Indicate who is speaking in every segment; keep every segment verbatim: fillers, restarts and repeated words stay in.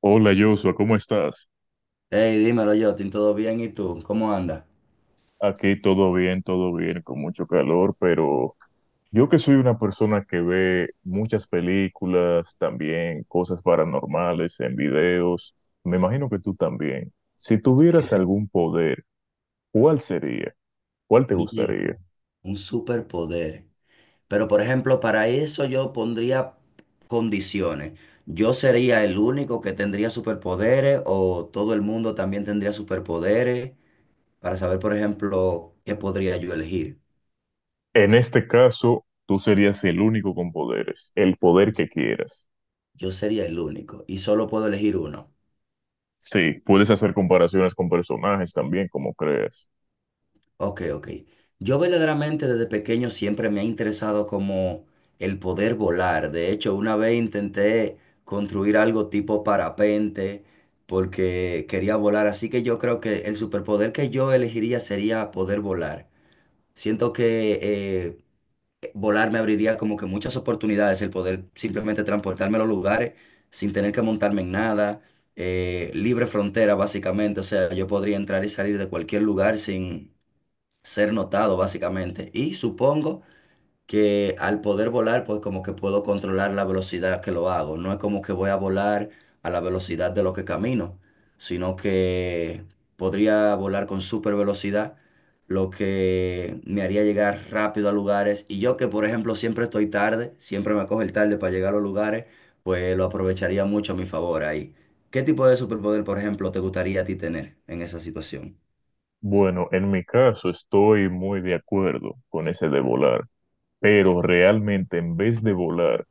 Speaker 1: Hola Joshua, ¿cómo estás?
Speaker 2: Hey, dímelo, Jotin, ¿todo bien? ¿Y tú? ¿Cómo andas?
Speaker 1: Aquí todo bien, todo bien, con mucho calor, pero yo que soy una persona que ve muchas películas, también cosas paranormales en videos, me imagino que tú también. Si
Speaker 2: Sí,
Speaker 1: tuvieras
Speaker 2: sí.
Speaker 1: algún poder, ¿cuál sería? ¿Cuál te
Speaker 2: Mierda,
Speaker 1: gustaría?
Speaker 2: un superpoder. Pero, por ejemplo, para eso yo pondría condiciones. ¿Yo sería el único que tendría superpoderes o todo el mundo también tendría superpoderes? Para saber, por ejemplo, qué podría yo elegir.
Speaker 1: En este caso, tú serías el único con poderes, el poder que quieras.
Speaker 2: Yo sería el único y solo puedo elegir uno.
Speaker 1: Sí, puedes hacer comparaciones con personajes también, como creas.
Speaker 2: Ok, ok. Yo verdaderamente desde pequeño siempre me ha interesado como el poder volar. De hecho, una vez intenté construir algo tipo parapente porque quería volar. Así que yo creo que el superpoder que yo elegiría sería poder volar. Siento que eh, volar me abriría como que muchas oportunidades el poder simplemente transportarme a los lugares sin tener que montarme en nada. Eh, libre frontera, básicamente. O sea, yo podría entrar y salir de cualquier lugar sin ser notado básicamente. Y supongo que al poder volar, pues como que puedo controlar la velocidad que lo hago. No es como que voy a volar a la velocidad de lo que camino, sino que podría volar con super velocidad, lo que me haría llegar rápido a lugares. Y yo que, por ejemplo, siempre estoy tarde, siempre me coge el tarde para llegar a los lugares, pues lo aprovecharía mucho a mi favor ahí. ¿Qué tipo de superpoder, por ejemplo, te gustaría a ti tener en esa situación?
Speaker 1: Bueno, en mi caso estoy muy de acuerdo con ese de volar, pero realmente en vez de volar,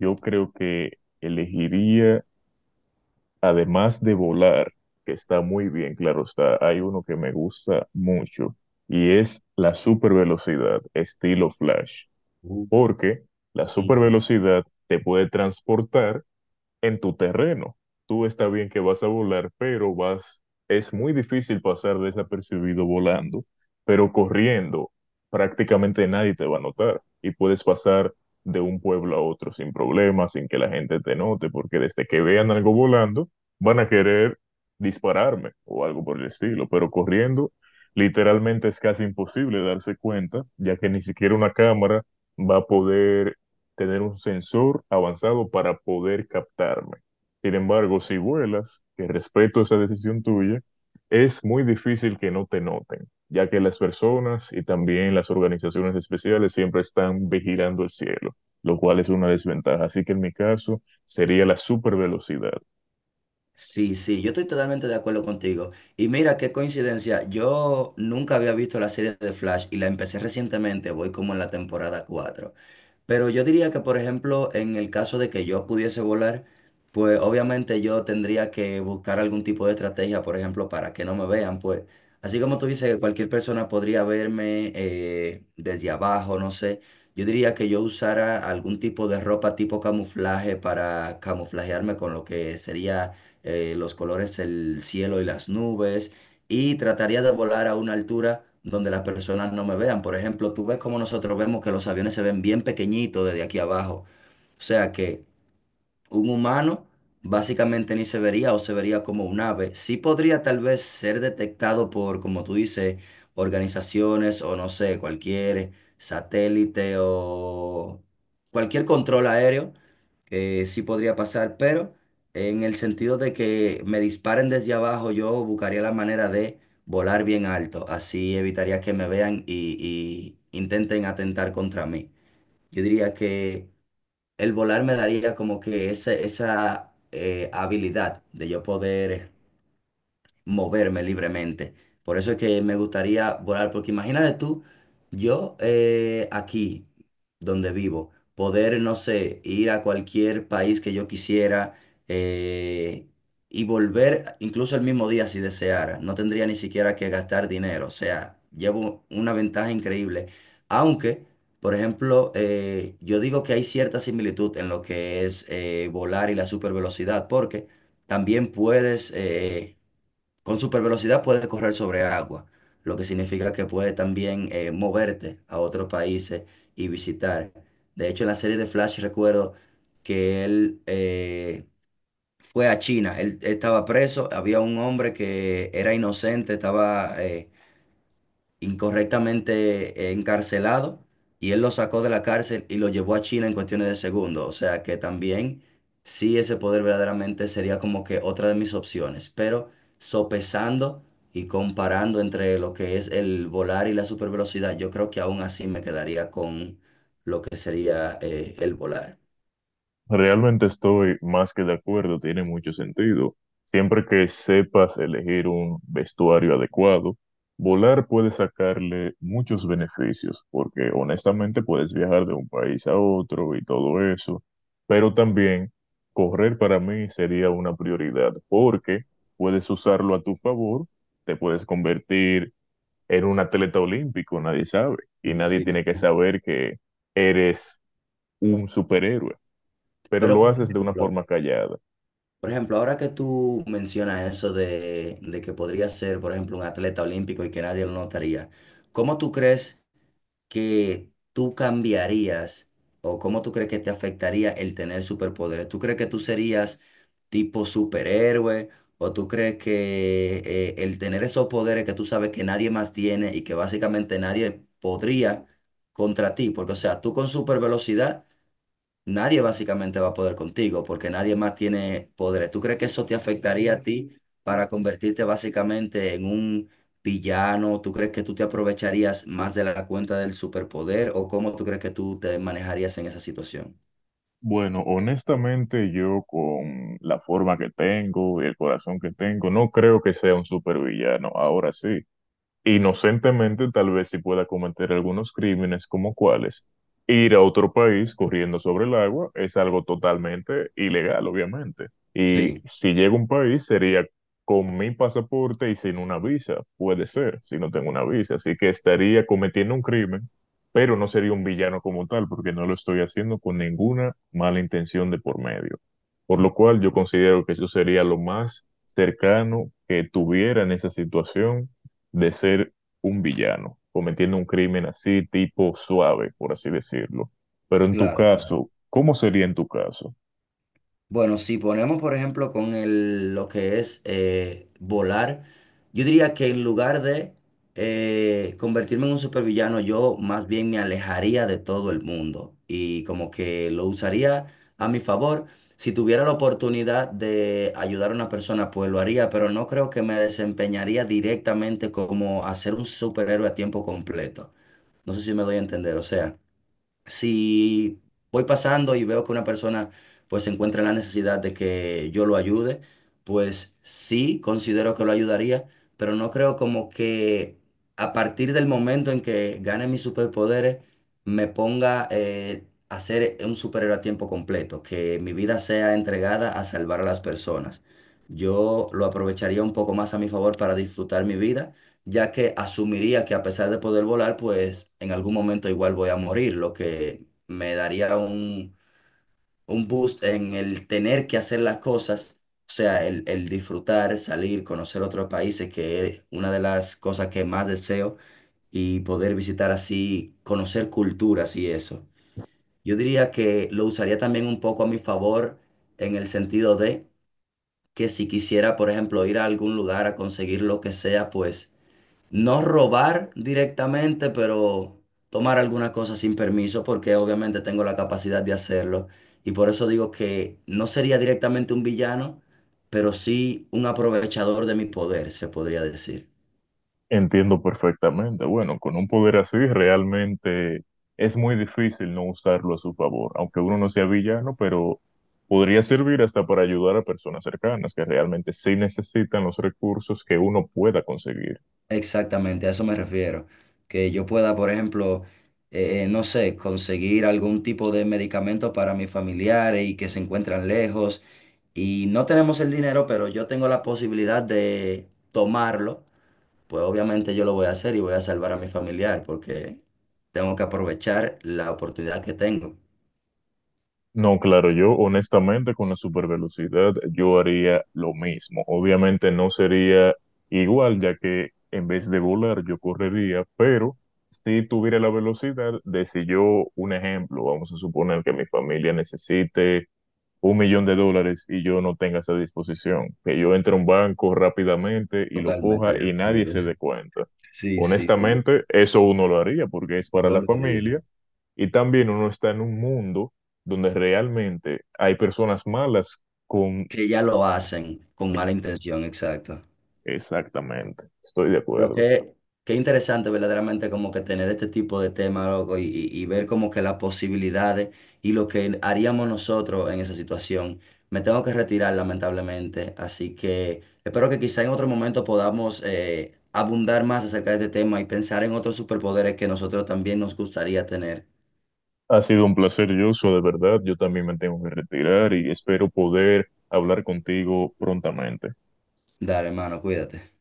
Speaker 1: yo creo que elegiría, además de volar, que está muy bien, claro está, hay uno que me gusta mucho y es la supervelocidad, estilo Flash,
Speaker 2: Uh,
Speaker 1: porque la
Speaker 2: sí.
Speaker 1: supervelocidad te puede transportar en tu terreno. Tú está bien que vas a volar, pero vas, es muy difícil pasar desapercibido volando, pero corriendo prácticamente nadie te va a notar y puedes pasar de un pueblo a otro sin problemas, sin que la gente te note, porque desde que vean algo volando, van a querer dispararme o algo por el estilo, pero corriendo literalmente es casi imposible darse cuenta, ya que ni siquiera una cámara va a poder tener un sensor avanzado para poder captarme. Sin embargo, si vuelas, que respeto esa decisión tuya, es muy difícil que no te noten, ya que las personas y también las organizaciones especiales siempre están vigilando el cielo, lo cual es una desventaja. Así que en mi caso sería la supervelocidad.
Speaker 2: Sí, sí, yo estoy totalmente de acuerdo contigo. Y mira qué coincidencia, yo nunca había visto la serie de Flash y la empecé recientemente, voy como en la temporada cuatro. Pero yo diría que, por ejemplo, en el caso de que yo pudiese volar, pues obviamente yo tendría que buscar algún tipo de estrategia, por ejemplo, para que no me vean, pues. Así como tú dices que cualquier persona podría verme eh, desde abajo, no sé. Yo diría que yo usara algún tipo de ropa tipo camuflaje para camuflajearme con lo que sería eh, los colores del cielo y las nubes, y trataría de volar a una altura donde las personas no me vean. Por ejemplo, tú ves como nosotros vemos que los aviones se ven bien pequeñitos desde aquí abajo. O sea que un humano básicamente ni se vería o se vería como un ave. Sí podría tal vez ser detectado por, como tú dices, organizaciones o no sé, cualquier satélite o cualquier control aéreo. Eh, sí podría pasar, pero en el sentido de que me disparen desde abajo, yo buscaría la manera de volar bien alto. Así evitaría que me vean y, y intenten atentar contra mí. Yo diría que el volar me daría como que esa, esa eh, habilidad de yo poder moverme libremente. Por eso es que me gustaría volar, porque imagínate tú, yo eh, aquí, donde vivo, poder, no sé, ir a cualquier país que yo quisiera eh, y volver incluso el mismo día si deseara. No tendría ni siquiera que gastar dinero. O sea, llevo una ventaja increíble. Aunque, por ejemplo, eh, yo digo que hay cierta similitud en lo que es eh, volar y la supervelocidad, porque también puedes... eh, con super velocidad puedes correr sobre agua, lo que significa que puedes también eh, moverte a otros países y visitar. De hecho, en la serie de Flash recuerdo que él eh, fue a China, él estaba preso, había un hombre que era inocente, estaba eh, incorrectamente eh, encarcelado y él lo sacó de la cárcel y lo llevó a China en cuestiones de segundos. O sea que también sí ese poder verdaderamente sería como que otra de mis opciones, pero sopesando y comparando entre lo que es el volar y la supervelocidad, yo creo que aún así me quedaría con lo que sería eh, el volar.
Speaker 1: Realmente estoy más que de acuerdo, tiene mucho sentido. Siempre que sepas elegir un vestuario adecuado, volar puede sacarle muchos beneficios, porque honestamente puedes viajar de un país a otro y todo eso, pero también correr para mí sería una prioridad, porque puedes usarlo a tu favor, te puedes convertir en un atleta olímpico, nadie sabe,
Speaker 2: Sí,
Speaker 1: y nadie
Speaker 2: sí,
Speaker 1: tiene que
Speaker 2: sí.
Speaker 1: saber que eres un superhéroe pero
Speaker 2: Pero
Speaker 1: lo
Speaker 2: por
Speaker 1: haces de una
Speaker 2: ejemplo,
Speaker 1: forma callada.
Speaker 2: por ejemplo, ahora que tú mencionas eso de, de que podría ser, por ejemplo, un atleta olímpico y que nadie lo notaría, ¿cómo tú crees que tú cambiarías o cómo tú crees que te afectaría el tener superpoderes? ¿Tú crees que tú serías tipo superhéroe o tú crees que eh, el tener esos poderes que tú sabes que nadie más tiene y que básicamente nadie podría contra ti? Porque, o sea, tú con supervelocidad nadie básicamente va a poder contigo porque nadie más tiene poderes. ¿Tú crees que eso te afectaría a ti para convertirte básicamente en un villano? ¿Tú crees que tú te aprovecharías más de la cuenta del superpoder o cómo tú crees que tú te manejarías en esa situación?
Speaker 1: Bueno, honestamente yo con la forma que tengo y el corazón que tengo, no creo que sea un supervillano. Ahora sí, inocentemente, tal vez si pueda cometer algunos crímenes como cuáles. Ir a otro país corriendo sobre el agua es algo totalmente ilegal, obviamente. Y
Speaker 2: Sí.
Speaker 1: si llega a un país, sería con mi pasaporte y sin una visa. Puede ser, si no tengo una visa. Así que estaría cometiendo un crimen, pero no sería un villano como tal, porque no lo estoy haciendo con ninguna mala intención de por medio. Por lo cual, yo considero que eso sería lo más cercano que tuviera en esa situación de ser un villano, cometiendo un crimen así tipo suave, por así decirlo. Pero en tu
Speaker 2: Claro, claro.
Speaker 1: caso, ¿cómo sería en tu caso?
Speaker 2: Bueno, si ponemos, por ejemplo, con el, lo que es eh, volar, yo diría que en lugar de eh, convertirme en un supervillano, yo más bien me alejaría de todo el mundo y como que lo usaría a mi favor. Si tuviera la oportunidad de ayudar a una persona, pues lo haría, pero no creo que me desempeñaría directamente como hacer un superhéroe a tiempo completo. No sé si me doy a entender, o sea. Si voy pasando y veo que una persona pues se encuentra en la necesidad de que yo lo ayude, pues sí considero que lo ayudaría, pero no creo como que a partir del momento en que gane mis superpoderes me ponga eh, a ser un superhéroe a tiempo completo, que mi vida sea entregada a salvar a las personas. Yo lo aprovecharía un poco más a mi favor para disfrutar mi vida ya que asumiría que a pesar de poder volar, pues en algún momento igual voy a morir, lo que me daría un, un boost en el tener que hacer las cosas, o sea, el, el disfrutar, salir, conocer otros países, que es una de las cosas que más deseo, y poder visitar así, conocer culturas y eso. Yo diría que lo usaría también un poco a mi favor en el sentido de que si quisiera, por ejemplo, ir a algún lugar a conseguir lo que sea, pues no robar directamente, pero tomar algunas cosas sin permiso, porque obviamente tengo la capacidad de hacerlo. Y por eso digo que no sería directamente un villano, pero sí un aprovechador de mi poder, se podría decir.
Speaker 1: Entiendo perfectamente. Bueno, con un poder así realmente es muy difícil no usarlo a su favor, aunque uno no sea villano, pero podría servir hasta para ayudar a personas cercanas que realmente sí necesitan los recursos que uno pueda conseguir.
Speaker 2: Exactamente, a eso me refiero. Que yo pueda, por ejemplo, eh, eh, no sé, conseguir algún tipo de medicamento para mis familiares y que se encuentran lejos. Y no tenemos el dinero, pero yo tengo la posibilidad de tomarlo pues obviamente yo lo voy a hacer y voy a salvar a mi familiar porque tengo que aprovechar la oportunidad que tengo.
Speaker 1: No, claro, yo honestamente con la supervelocidad yo haría lo mismo. Obviamente no sería igual, ya que en vez de volar yo correría, pero si tuviera la velocidad de si yo, un ejemplo, vamos a suponer que mi familia necesite un millón de dólares y yo no tenga esa disposición, que yo entre a un banco rápidamente y lo
Speaker 2: Totalmente
Speaker 1: coja
Speaker 2: de
Speaker 1: y nadie
Speaker 2: acuerdo.
Speaker 1: se dé cuenta.
Speaker 2: Sí, sí, sí,
Speaker 1: Honestamente, eso uno lo haría porque es para
Speaker 2: yo
Speaker 1: la
Speaker 2: lo haría.
Speaker 1: familia y también uno está en un mundo donde realmente hay personas malas con...
Speaker 2: Que ya lo hacen con mala intención, exacto.
Speaker 1: Exactamente, estoy de
Speaker 2: Pero
Speaker 1: acuerdo.
Speaker 2: qué, qué interesante verdaderamente como que tener este tipo de tema loco, y, y- y ver como que las posibilidades y lo que haríamos nosotros en esa situación. Me tengo que retirar lamentablemente, así que espero que quizá en otro momento podamos eh, abundar más acerca de este tema y pensar en otros superpoderes que nosotros también nos gustaría tener.
Speaker 1: Ha sido un placer, Joshua, de verdad. Yo también me tengo que retirar y espero poder hablar contigo prontamente.
Speaker 2: Dale, hermano, cuídate.